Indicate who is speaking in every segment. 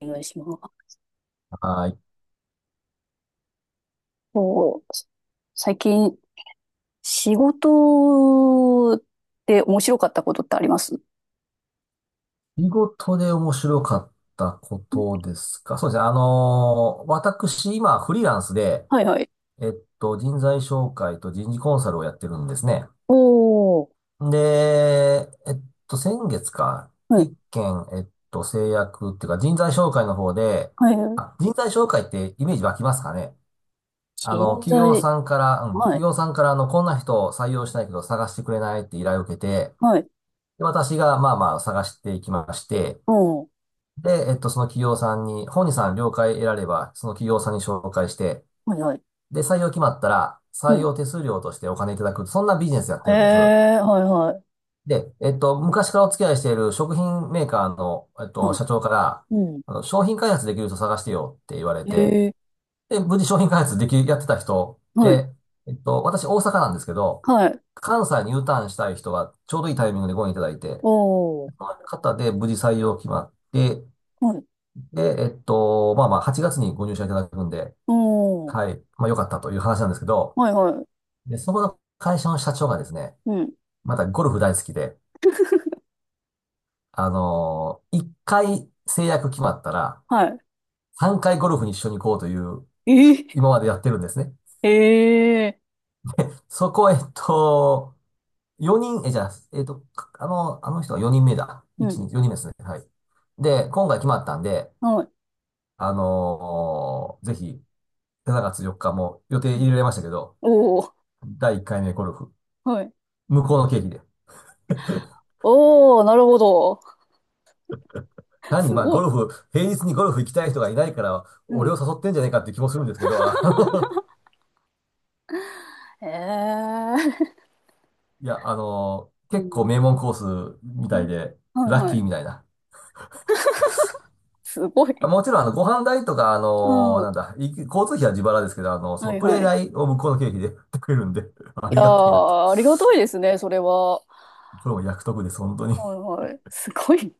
Speaker 1: お願いします。
Speaker 2: はい。
Speaker 1: こう、最近、仕事で面白かったことってあります？
Speaker 2: 仕事で面白かったことですか？そうですね。私、今、フリーランスで、
Speaker 1: はいはい。
Speaker 2: えっ人材紹介と人事コンサルをやってるんですね。
Speaker 1: おー、
Speaker 2: で、先月か、
Speaker 1: はい。
Speaker 2: 一件、制約っていうか、人材紹介の方で、
Speaker 1: はい。
Speaker 2: あ、人材紹介ってイメージ湧きますかね？あ
Speaker 1: 人
Speaker 2: の、企業
Speaker 1: 材、
Speaker 2: さんから、
Speaker 1: は
Speaker 2: 企
Speaker 1: い。
Speaker 2: 業さんからあの、こんな人を採用したいけど探してくれないって依頼を受けて、
Speaker 1: はい。
Speaker 2: で私がまあまあ探していきまして、
Speaker 1: うん。
Speaker 2: で、その企業さんに、本人さん了解得られば、その企業さんに紹介して、
Speaker 1: はいはい。
Speaker 2: で、採用決まったら、
Speaker 1: う
Speaker 2: 採
Speaker 1: ん。
Speaker 2: 用手数料としてお金いただく、そんなビジネスやって
Speaker 1: へ
Speaker 2: るんです。
Speaker 1: え、はいはい。
Speaker 2: で、昔からお付き合いしている食品メーカーの、
Speaker 1: はい
Speaker 2: 社長から、
Speaker 1: うん、
Speaker 2: あの、商品開発できる人探してよって言われ
Speaker 1: い。
Speaker 2: て、
Speaker 1: へえ、
Speaker 2: で、無事商品開発でき、やってた人
Speaker 1: はい。
Speaker 2: で、私大阪なんですけど、
Speaker 1: はい。
Speaker 2: 関西に U ターンしたい人がちょうどいいタイミングでご縁いただいて、
Speaker 1: お
Speaker 2: そ
Speaker 1: ー、
Speaker 2: の方で無事採用決まって、
Speaker 1: はい。
Speaker 2: で、まあまあ、8月にご入社いただくんで、
Speaker 1: うん。
Speaker 2: はい、まあ良かったという話なんですけど、
Speaker 1: はいはい。
Speaker 2: で、そこの会社の社長がですね、
Speaker 1: うん。
Speaker 2: またゴルフ大好きで、1回制約決まったら、
Speaker 1: はいはいは
Speaker 2: 3回ゴルフに一緒に行こうという、
Speaker 1: うんい
Speaker 2: 今までやってるんですね。
Speaker 1: へえはいはいおーはいおんはいはいうんはいええ、へー
Speaker 2: そこ、4人、え、じゃあ、えっと、かあの、あの人は4人目だ。
Speaker 1: う
Speaker 2: 1、
Speaker 1: ん。
Speaker 2: 2、4人目ですね。はい。で、今回決まったんで、
Speaker 1: はい。
Speaker 2: ぜひ、7月4日も予定
Speaker 1: うん
Speaker 2: 入れられましたけど、
Speaker 1: おお、
Speaker 2: 第1回目ゴルフ。
Speaker 1: はい。
Speaker 2: 向こうの経費で。
Speaker 1: おお、なるほど。
Speaker 2: 単に
Speaker 1: す
Speaker 2: まあ
Speaker 1: ご
Speaker 2: ゴ
Speaker 1: い。
Speaker 2: ルフ、平日にゴルフ行きたい人がいないから、
Speaker 1: う
Speaker 2: 俺
Speaker 1: ん。
Speaker 2: を誘ってんじゃねえかって気もするんですけど、あの、
Speaker 1: へえ。
Speaker 2: いや、あの、
Speaker 1: う
Speaker 2: 結構
Speaker 1: ん。
Speaker 2: 名門コースみたい
Speaker 1: ん
Speaker 2: で、
Speaker 1: はい
Speaker 2: ラッ
Speaker 1: は
Speaker 2: キー
Speaker 1: い。
Speaker 2: みたいな。
Speaker 1: すごい。
Speaker 2: もちろん、あの、ご飯代とか、あ
Speaker 1: う
Speaker 2: の、
Speaker 1: ん。は
Speaker 2: なんだ、い交通費は自腹ですけど、あの、その
Speaker 1: い
Speaker 2: プレ
Speaker 1: は
Speaker 2: ー
Speaker 1: い。
Speaker 2: 代を向こうの経費で やってくれるんで、あ
Speaker 1: いや
Speaker 2: りがてえなと。
Speaker 1: ー、ありがたいですね、それは。
Speaker 2: これも約束です、本当に。
Speaker 1: はいはい。すごい。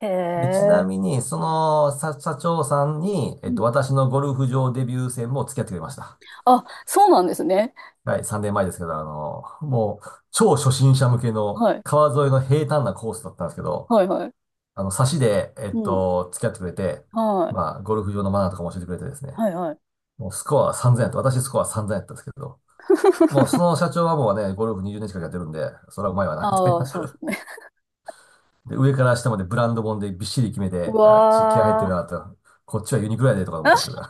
Speaker 1: へ
Speaker 2: で、ちな
Speaker 1: え。
Speaker 2: みに、そ
Speaker 1: うん
Speaker 2: の、さ社長さんに、
Speaker 1: うん。
Speaker 2: 私のゴルフ場デビュー戦も付き合ってくれました。
Speaker 1: あ、そうなんですね。
Speaker 2: はい、3年前ですけど、あの、もう、超初心者向けの
Speaker 1: はい。
Speaker 2: 川沿いの平坦なコースだったんですけど、
Speaker 1: はいはい。
Speaker 2: あの、差しで、
Speaker 1: うん。
Speaker 2: 付き合ってくれて、
Speaker 1: はい。
Speaker 2: まあ、ゴルフ場のマナーとかも教えてくれてですね、
Speaker 1: はいはい。
Speaker 2: もうスコアは3000やった。私スコア3000やったんですけど、もう その社長はもうね、ゴルフ20年近くやってるんで、それはうまいわな、みたい
Speaker 1: ああ、そうで
Speaker 2: な。
Speaker 1: すね。
Speaker 2: で、上から下までブランド本でびっしり決め
Speaker 1: う
Speaker 2: て、あち気合入ってる
Speaker 1: わ
Speaker 2: なと、こっちはユニクロやでとか思
Speaker 1: ー。
Speaker 2: ったんですけ ど、
Speaker 1: あ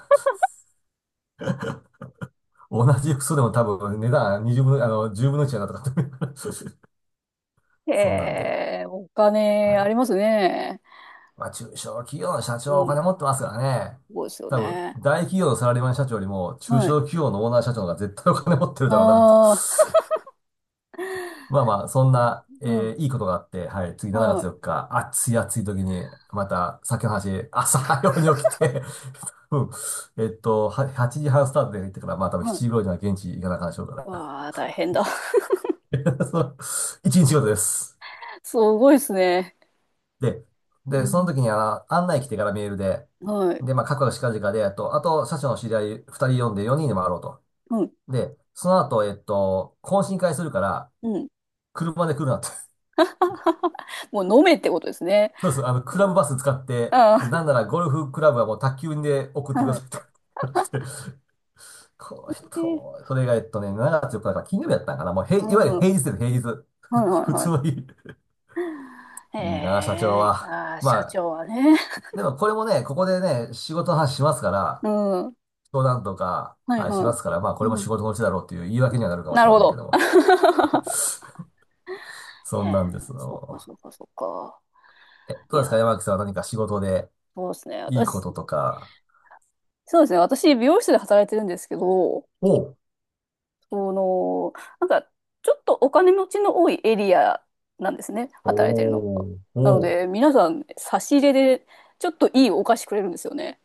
Speaker 2: 同じ服装でも多分値段20分、あの、じゅう0分の1やなとかって
Speaker 1: へ
Speaker 2: そんなんで、
Speaker 1: え、お
Speaker 2: は
Speaker 1: 金あ
Speaker 2: い。
Speaker 1: りますね。
Speaker 2: まあ、中小企業の社長
Speaker 1: う
Speaker 2: はお
Speaker 1: ん。す
Speaker 2: 金持ってますからね。
Speaker 1: ごいですよ
Speaker 2: 多分、
Speaker 1: ね。
Speaker 2: 大企業のサラリーマン社長よりも、中
Speaker 1: はい。
Speaker 2: 小企業のオーナー社長の方が絶対お金持ってるだろうなと。
Speaker 1: ああ。
Speaker 2: まあまあ、そんな、
Speaker 1: うん。
Speaker 2: いいことがあって、はい、次7
Speaker 1: は
Speaker 2: 月
Speaker 1: い。
Speaker 2: 4日、暑い暑い時に、また、さっきの話、朝早うに起きて、うん、は8時半スタートで行ってから、まあ多分
Speaker 1: はい。
Speaker 2: 7時頃には現地行かなあかんでしょうか
Speaker 1: わあ、大変だ。
Speaker 2: ら。そう、一日仕事です。
Speaker 1: すごいですね。
Speaker 2: で、
Speaker 1: う
Speaker 2: で、その
Speaker 1: ん。
Speaker 2: 時にあの、案内来てからメールで、
Speaker 1: はい。
Speaker 2: で、まあ、かくかくしかじかで、あと、社長の知り合い2人呼んで4人で回ろうと。
Speaker 1: うん。
Speaker 2: で、その後、懇親会するから、
Speaker 1: うん。
Speaker 2: 車で来るなって。
Speaker 1: もう飲めってことですね。
Speaker 2: そうそう、あの、クラブ
Speaker 1: もう
Speaker 2: バス使って、で、
Speaker 1: あ
Speaker 2: なんならゴルフクラブはもう宅急便で送っ
Speaker 1: あ、
Speaker 2: てくだ
Speaker 1: はい。
Speaker 2: さいと。してこの
Speaker 1: えー
Speaker 2: 人、それが、7月4だから金曜日だったんかな。もう、へ
Speaker 1: う
Speaker 2: い、いわゆる
Speaker 1: ん。は
Speaker 2: 平日です、平日。
Speaker 1: いはい
Speaker 2: 普
Speaker 1: は
Speaker 2: 通
Speaker 1: い。
Speaker 2: の日。いいなあ、社長
Speaker 1: ええ、
Speaker 2: は。
Speaker 1: ああ、
Speaker 2: ま
Speaker 1: 社
Speaker 2: あ、
Speaker 1: 長はね。
Speaker 2: でもこれもね、ここでね、仕事の話しますから、
Speaker 1: うん。
Speaker 2: 相談とか、
Speaker 1: はい
Speaker 2: はい、し
Speaker 1: は
Speaker 2: ま
Speaker 1: い。
Speaker 2: すから、まあ、これも
Speaker 1: う
Speaker 2: 仕
Speaker 1: ん。
Speaker 2: 事のうちだろうという言い訳にはなるかも
Speaker 1: な
Speaker 2: し
Speaker 1: る
Speaker 2: れま
Speaker 1: ほ
Speaker 2: せんけ
Speaker 1: ど。
Speaker 2: ども。
Speaker 1: へ
Speaker 2: そん
Speaker 1: え、
Speaker 2: なんです
Speaker 1: そっか
Speaker 2: の。
Speaker 1: そっかそっか。
Speaker 2: え、
Speaker 1: い
Speaker 2: どうですか、
Speaker 1: や、
Speaker 2: 山木さんは何か仕事で
Speaker 1: そうですね。
Speaker 2: いいこ
Speaker 1: 私、
Speaker 2: ととか。
Speaker 1: そうですね。私、美容室で働いてるんですけど、
Speaker 2: おう
Speaker 1: あの、なんか、ちょっとお金持ちの多いエリアなんですね、働いてるの
Speaker 2: お
Speaker 1: が。
Speaker 2: う、
Speaker 1: なの
Speaker 2: おう、
Speaker 1: で、皆さん、差し入れで、ちょっといいお菓子くれるんですよね。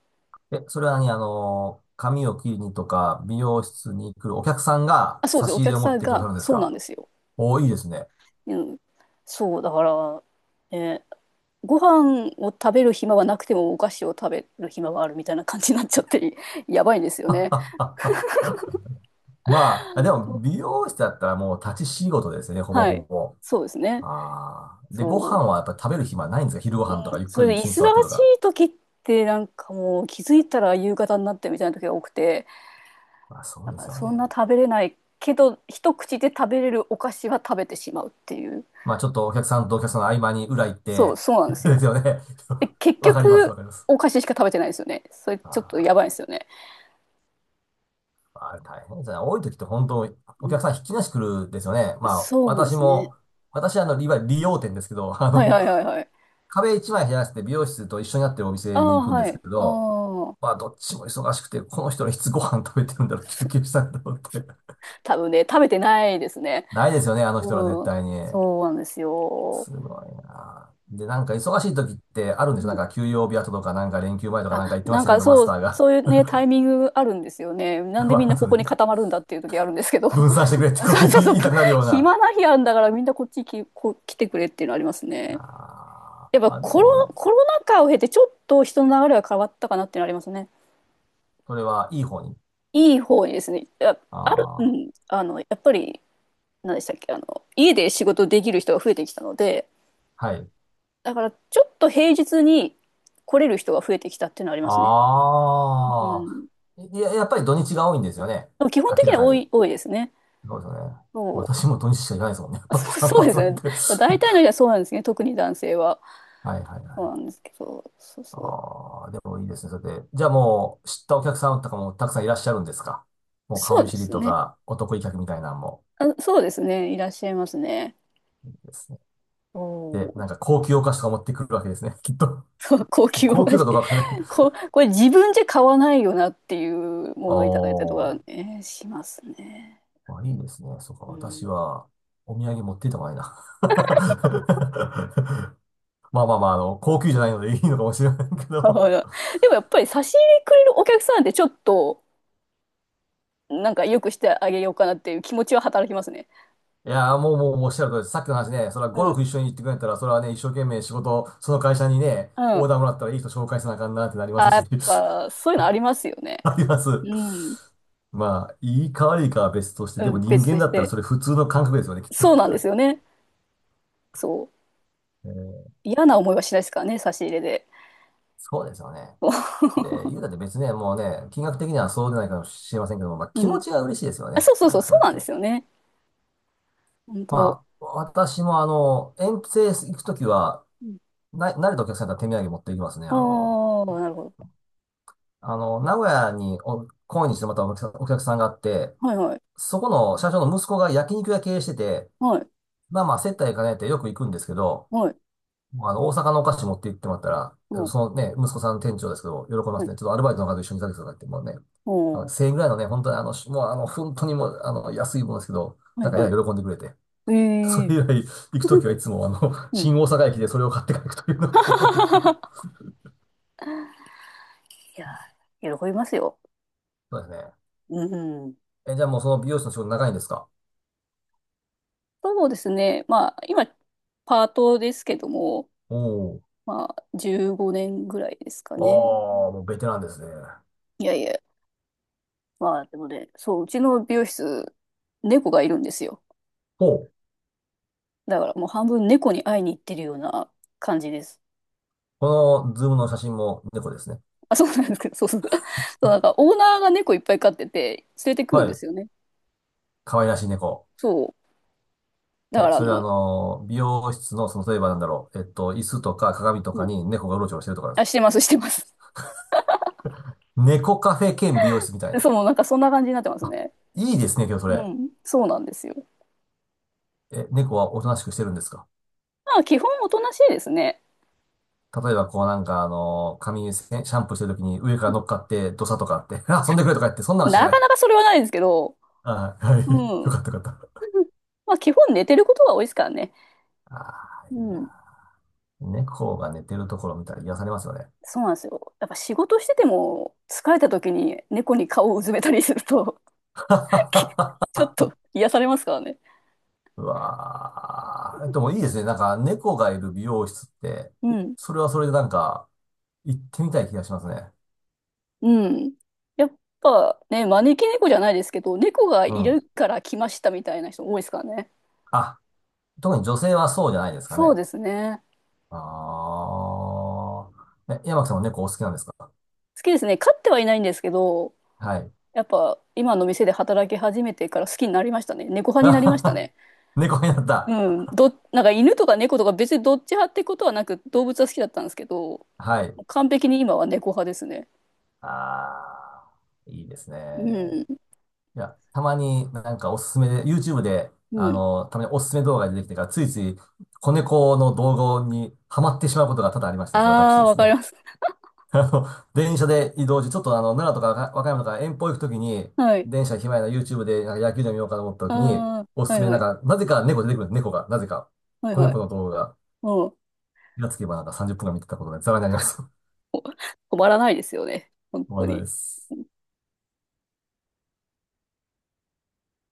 Speaker 2: え、それはね、あの、髪を切りにとか、美容室に来るお客さんが
Speaker 1: あ、そうで
Speaker 2: 差
Speaker 1: す。
Speaker 2: し
Speaker 1: お
Speaker 2: 入れ
Speaker 1: 客
Speaker 2: を持
Speaker 1: さ
Speaker 2: っ
Speaker 1: ん
Speaker 2: てくださ
Speaker 1: が、
Speaker 2: るんです
Speaker 1: そうなん
Speaker 2: か？
Speaker 1: ですよ。
Speaker 2: おー、いいですね。
Speaker 1: うん。そう、だから、ね、ご飯を食べる暇はなくても、お菓子を食べる暇があるみたいな感じになっちゃって、やばいんですよね。
Speaker 2: まあ、でも、美容室だったらもう立ち仕事ですね、ほぼ
Speaker 1: は
Speaker 2: ほ
Speaker 1: い。
Speaker 2: ぼ。
Speaker 1: そうですね。
Speaker 2: ああ。で、ご
Speaker 1: そ
Speaker 2: 飯
Speaker 1: う。
Speaker 2: はやっぱ食べる暇ないんですか？昼ご
Speaker 1: う
Speaker 2: 飯とか
Speaker 1: ん。
Speaker 2: ゆっ
Speaker 1: そ
Speaker 2: く
Speaker 1: れ
Speaker 2: り
Speaker 1: で、
Speaker 2: 椅
Speaker 1: 忙
Speaker 2: 子に
Speaker 1: し
Speaker 2: 座ってとか。
Speaker 1: い時って、なんかもう、気づいたら夕方になってみたいな時が多くて、
Speaker 2: まあ、そう
Speaker 1: だ
Speaker 2: で
Speaker 1: か
Speaker 2: す
Speaker 1: ら
Speaker 2: よね。
Speaker 1: そんな食べれないけど一口で食べれるお菓子は食べてしまうっていう。
Speaker 2: まあちょっとお客さんとお客さんの合間に裏行っ
Speaker 1: そう
Speaker 2: て
Speaker 1: そうなんで すよ。
Speaker 2: ですよね。
Speaker 1: で 結
Speaker 2: わかります、
Speaker 1: 局
Speaker 2: わかります。
Speaker 1: お菓子しか食べてないですよね。それちょっとやば
Speaker 2: あ
Speaker 1: いですよね。
Speaker 2: ー、あれ大変ですね。多い時って本当、
Speaker 1: う
Speaker 2: お
Speaker 1: ん。
Speaker 2: 客さんひっきりなし来るんですよね。まあ
Speaker 1: そうで
Speaker 2: 私
Speaker 1: すね。
Speaker 2: も、私あの、いわゆる理容店ですけど、あ
Speaker 1: はい
Speaker 2: の、
Speaker 1: はいはいはい。
Speaker 2: 壁一枚減らして美容室と一緒になってるお
Speaker 1: あ
Speaker 2: 店に行
Speaker 1: あ
Speaker 2: くんで
Speaker 1: は
Speaker 2: すけ
Speaker 1: い
Speaker 2: ど、
Speaker 1: ああ。
Speaker 2: まあどっちも忙しくて、この人らいつご飯食べてるんだろう、休
Speaker 1: そう、
Speaker 2: 憩したんだろうって。
Speaker 1: 多分ね食べてないですね。
Speaker 2: ないですよね、あの人ら絶
Speaker 1: うん。
Speaker 2: 対に。
Speaker 1: そうなんですよ。
Speaker 2: すごいな。で、なんか忙しい時ってあるんで
Speaker 1: う
Speaker 2: すよ。
Speaker 1: ん。
Speaker 2: なんか休養日後とか、なんか連休前とかなんか
Speaker 1: あ、
Speaker 2: 言ってま
Speaker 1: な
Speaker 2: し
Speaker 1: ん
Speaker 2: たけ
Speaker 1: か
Speaker 2: ど、マ
Speaker 1: そ
Speaker 2: スタ
Speaker 1: う、
Speaker 2: ーが。
Speaker 1: そういうね、タイミングあるんですよね。なん でみ
Speaker 2: ま
Speaker 1: んな
Speaker 2: あ、
Speaker 1: こ
Speaker 2: そう
Speaker 1: こ
Speaker 2: ね。
Speaker 1: に固まるんだっていう時あるんですけど。そ
Speaker 2: 分散してくれって
Speaker 1: う
Speaker 2: こう
Speaker 1: そうそう。
Speaker 2: 言いたくなるような。
Speaker 1: 暇な日あるんだから、みんなこっちき、こう来てくれっていうのありますね。
Speaker 2: あ
Speaker 1: やっ
Speaker 2: ー
Speaker 1: ぱ
Speaker 2: あ、で
Speaker 1: コロ、
Speaker 2: も、
Speaker 1: コロナ禍を経てちょっと人の流れが変わったかなっていうのありますね。
Speaker 2: それはいい方に。
Speaker 1: いい方にですね。や、ある、う
Speaker 2: あ
Speaker 1: ん、やっぱり、何でしたっけ、家で仕事できる人が増えてきたので、
Speaker 2: あ、はい。
Speaker 1: だからちょっと平日に来れる人が増えてきたっていうのはありますね。う
Speaker 2: ああ、
Speaker 1: ん。
Speaker 2: いや、やっぱり土日が多いんですよね。
Speaker 1: でも基本的
Speaker 2: 明
Speaker 1: に
Speaker 2: ら
Speaker 1: は
Speaker 2: か
Speaker 1: 多
Speaker 2: に。
Speaker 1: い、多いですね。
Speaker 2: そうですよね。
Speaker 1: そう、
Speaker 2: 私も土日しか行かないですもんね。やっ
Speaker 1: あ
Speaker 2: ぱり
Speaker 1: そう、
Speaker 2: 散
Speaker 1: そうで
Speaker 2: 髪
Speaker 1: す
Speaker 2: な
Speaker 1: ね。
Speaker 2: んて。
Speaker 1: 大体の人 はそうなんですね。特に男性は。
Speaker 2: はいはいは
Speaker 1: そうなん
Speaker 2: い。
Speaker 1: ですけど。そうそう。
Speaker 2: ああ、でもいいですね。それで。じゃあもう、知ったお客さんとかもたくさんいらっしゃるんですか？もう顔
Speaker 1: そう
Speaker 2: 見
Speaker 1: で
Speaker 2: 知り
Speaker 1: す
Speaker 2: と
Speaker 1: ね。
Speaker 2: か、お得意客みたいなのも。
Speaker 1: あ、そうですね。いらっしゃいますね。
Speaker 2: ですね。
Speaker 1: お
Speaker 2: で、
Speaker 1: お。
Speaker 2: なんか 高級お菓子とか持ってくるわけですね。きっと。
Speaker 1: そう、高級お
Speaker 2: 高
Speaker 1: 菓
Speaker 2: 級か
Speaker 1: 子。
Speaker 2: どうかわかんない。
Speaker 1: これ自分じゃ買わないよなっていう ものをいただいたりとか
Speaker 2: おー、
Speaker 1: ね、しますね。
Speaker 2: まあ、いいですね。そうか、
Speaker 1: う
Speaker 2: 私
Speaker 1: ん。
Speaker 2: は、お土産持っていった方がいいな。まあまあまあ、あの、高級じゃないのでいいのかもしれないけ
Speaker 1: だ
Speaker 2: ど。
Speaker 1: から、でもやっぱり差し入れくれるお客さんってちょっと、なんか良くしてあげようかなっていう気持ちは働きますね。
Speaker 2: いやー、もうおっしゃる通りです。さっきの話ね、それはゴ
Speaker 1: う
Speaker 2: ル
Speaker 1: ん。
Speaker 2: フ一緒に行ってくれたら、それはね、一生懸命仕事、その会社にね、
Speaker 1: う
Speaker 2: オー
Speaker 1: ん。
Speaker 2: ダーもらったらいい人紹介せなあかんなってなりま
Speaker 1: あ、
Speaker 2: す
Speaker 1: や
Speaker 2: し、
Speaker 1: っ ぱ、そういうのありますよね。
Speaker 2: ありま
Speaker 1: うん。
Speaker 2: す。まあ、いいか悪いかは別として、
Speaker 1: う
Speaker 2: でも
Speaker 1: ん、
Speaker 2: 人
Speaker 1: 別
Speaker 2: 間
Speaker 1: とし
Speaker 2: だったら
Speaker 1: て。
Speaker 2: それ普通の感覚ですよね、きっと。
Speaker 1: そうなんですよね。そう。
Speaker 2: えー
Speaker 1: 嫌な思いはしないですからね、差し入れで。
Speaker 2: そうですよね。
Speaker 1: そう
Speaker 2: で、言うたって別にね、もうね、金額的にはそうでないかもしれませんけども、まあ、気持
Speaker 1: ん。
Speaker 2: ちが嬉しいですよ
Speaker 1: あ、
Speaker 2: ね。
Speaker 1: そうそう
Speaker 2: なん
Speaker 1: そう、
Speaker 2: かそ
Speaker 1: そ
Speaker 2: うや
Speaker 1: う
Speaker 2: っ
Speaker 1: なんで
Speaker 2: て。
Speaker 1: すよね。本当。
Speaker 2: まあ、私もあの、遠征行くときは、
Speaker 1: うん。
Speaker 2: な、慣れたお客さんだったら手土産持って行きますね。あ
Speaker 1: あ
Speaker 2: の、
Speaker 1: あ、なるほど。
Speaker 2: あの、名古屋にお、懇にしてまたお客さん、お客さんがあって、
Speaker 1: はいはい。
Speaker 2: そこの社長の息子が焼肉屋経営してて、
Speaker 1: はい。
Speaker 2: まあまあ接待兼ねてよく行くんですけど、
Speaker 1: はい。
Speaker 2: あの、大阪のお菓子持って行ってもらった
Speaker 1: う
Speaker 2: ら、
Speaker 1: ん。
Speaker 2: そのね、息子さん店長ですけど、喜びま
Speaker 1: は
Speaker 2: す
Speaker 1: い。
Speaker 2: ね。ちょっとアルバイトの方と一緒に行かせてくださいって、もうね、
Speaker 1: お
Speaker 2: あの
Speaker 1: ー
Speaker 2: 1000円ぐらいのね、本当にあの、しもうあの、本当にもう、あの、安いものですけど、
Speaker 1: は
Speaker 2: な
Speaker 1: い
Speaker 2: んかや
Speaker 1: は
Speaker 2: や
Speaker 1: い。
Speaker 2: 喜んでくれて。
Speaker 1: え
Speaker 2: そ
Speaker 1: え。
Speaker 2: れ以来、行くとき はいつもあの、
Speaker 1: うん。
Speaker 2: 新大阪駅でそれを買って帰るというのが定番ですけど。
Speaker 1: いやー、喜びますよ。
Speaker 2: そうですね。
Speaker 1: うん。
Speaker 2: え、じゃあもうその美容師の仕事長いんですか？
Speaker 1: そうですね。まあ、今、パートですけども、
Speaker 2: お
Speaker 1: まあ、15年ぐらいですかね。
Speaker 2: お。ああ、もうベテランですね。
Speaker 1: いやいや。まあ、でもね、そう、うちの美容室、猫がいるんですよ。
Speaker 2: ほう。
Speaker 1: だからもう半分猫に会いに行ってるような感じです。
Speaker 2: このズームの写真も猫ですね。
Speaker 1: あ、そうなんですけど、そうそう。そう、なんかオーナーが猫いっぱい飼ってて、連れてくるん
Speaker 2: は
Speaker 1: で
Speaker 2: い。
Speaker 1: すよね。
Speaker 2: 可愛らしい猫。
Speaker 1: そう。だ
Speaker 2: え、
Speaker 1: からあ
Speaker 2: それはあ
Speaker 1: の、
Speaker 2: の、美容室の、その、例えばなんだろう。椅子とか鏡と
Speaker 1: う
Speaker 2: か
Speaker 1: ん。
Speaker 2: に猫がうろちょろしてるとかです
Speaker 1: あ、し
Speaker 2: か？
Speaker 1: てます、してます。
Speaker 2: 猫カフェ兼美容室みたい
Speaker 1: そ
Speaker 2: な。
Speaker 1: う、もうなんかそんな感じになってますね。
Speaker 2: いいですね、今日そ
Speaker 1: う
Speaker 2: れ。
Speaker 1: ん。そうなんですよ。
Speaker 2: え、猫はおとなしくしてるんですか？
Speaker 1: まあ基本おとなしいですね。
Speaker 2: 例えば、こうなんか、あの、髪シャンプーしてるときに上から乗っかって、ドサとかあって、あ遊んでくれとか言って、そんなのし
Speaker 1: な
Speaker 2: な
Speaker 1: か
Speaker 2: い。
Speaker 1: なかそれはないですけど、
Speaker 2: はい、はい。
Speaker 1: う
Speaker 2: よ
Speaker 1: ん。
Speaker 2: かった、よかっ
Speaker 1: まあ基本寝てることが多いですからね。
Speaker 2: た。ああ、い
Speaker 1: う
Speaker 2: い
Speaker 1: ん。
Speaker 2: な。猫が寝てるところ見たら癒されますよね。
Speaker 1: そうなんですよ。やっぱ仕事してても疲れた時に猫に顔をうずめたりすると、 ちょっと癒されますからね。
Speaker 2: うわあ、でもいいですね。なんか、猫がいる美容室って、
Speaker 1: うん。
Speaker 2: それはそれでなんか、行ってみたい気がしますね。
Speaker 1: うん。やっぱね、招き猫じゃないですけど、猫が
Speaker 2: う
Speaker 1: い
Speaker 2: ん。
Speaker 1: るから来ましたみたいな人多いですからね。
Speaker 2: あ、特に女性はそうじゃないですか
Speaker 1: そう
Speaker 2: ね。
Speaker 1: ですね。
Speaker 2: ああ。え、山木さんも猫お好きなんですか？
Speaker 1: 好きですね。飼ってはいないんですけど、
Speaker 2: はい。
Speaker 1: やっぱ今の店で働き始めてから好きになりましたね。猫 派
Speaker 2: あ
Speaker 1: になりま
Speaker 2: は
Speaker 1: した
Speaker 2: は、
Speaker 1: ね。
Speaker 2: 猫になった。
Speaker 1: うん。なんか犬とか猫とか別にどっち派ってことはなく動物は好きだったんですけど、
Speaker 2: はい。
Speaker 1: 完璧に今は猫派ですね。
Speaker 2: あー、いいです
Speaker 1: う
Speaker 2: ね。
Speaker 1: ん。
Speaker 2: いや、たまになんかおすすめで、YouTube で、
Speaker 1: う
Speaker 2: あ
Speaker 1: ん。
Speaker 2: の、たまにおすすめ動画が出てきてから、ついつい子猫の動画にハマってしまうことが多々ありましてですね、私
Speaker 1: ああ、
Speaker 2: で
Speaker 1: わ
Speaker 2: す
Speaker 1: かり
Speaker 2: ね。
Speaker 1: ます。
Speaker 2: あの、電車で移動中、ちょっとあの、奈良とか和歌山とか遠方行くときに、
Speaker 1: はい。
Speaker 2: 電車暇やな YouTube でなんか野球でも見ようかと思ったときに、
Speaker 1: あ
Speaker 2: お
Speaker 1: あ、
Speaker 2: す
Speaker 1: は
Speaker 2: す
Speaker 1: い
Speaker 2: め
Speaker 1: は
Speaker 2: なん
Speaker 1: い。
Speaker 2: か、なぜか猫出てくるんです、猫が。なぜか。
Speaker 1: はい
Speaker 2: 子
Speaker 1: はい。
Speaker 2: 猫の動画が。
Speaker 1: うん。
Speaker 2: 気がつけばなんか30分間見てたことがざらになります。
Speaker 1: 止まらないですよね。本
Speaker 2: 思
Speaker 1: 当
Speaker 2: わない
Speaker 1: に。
Speaker 2: です。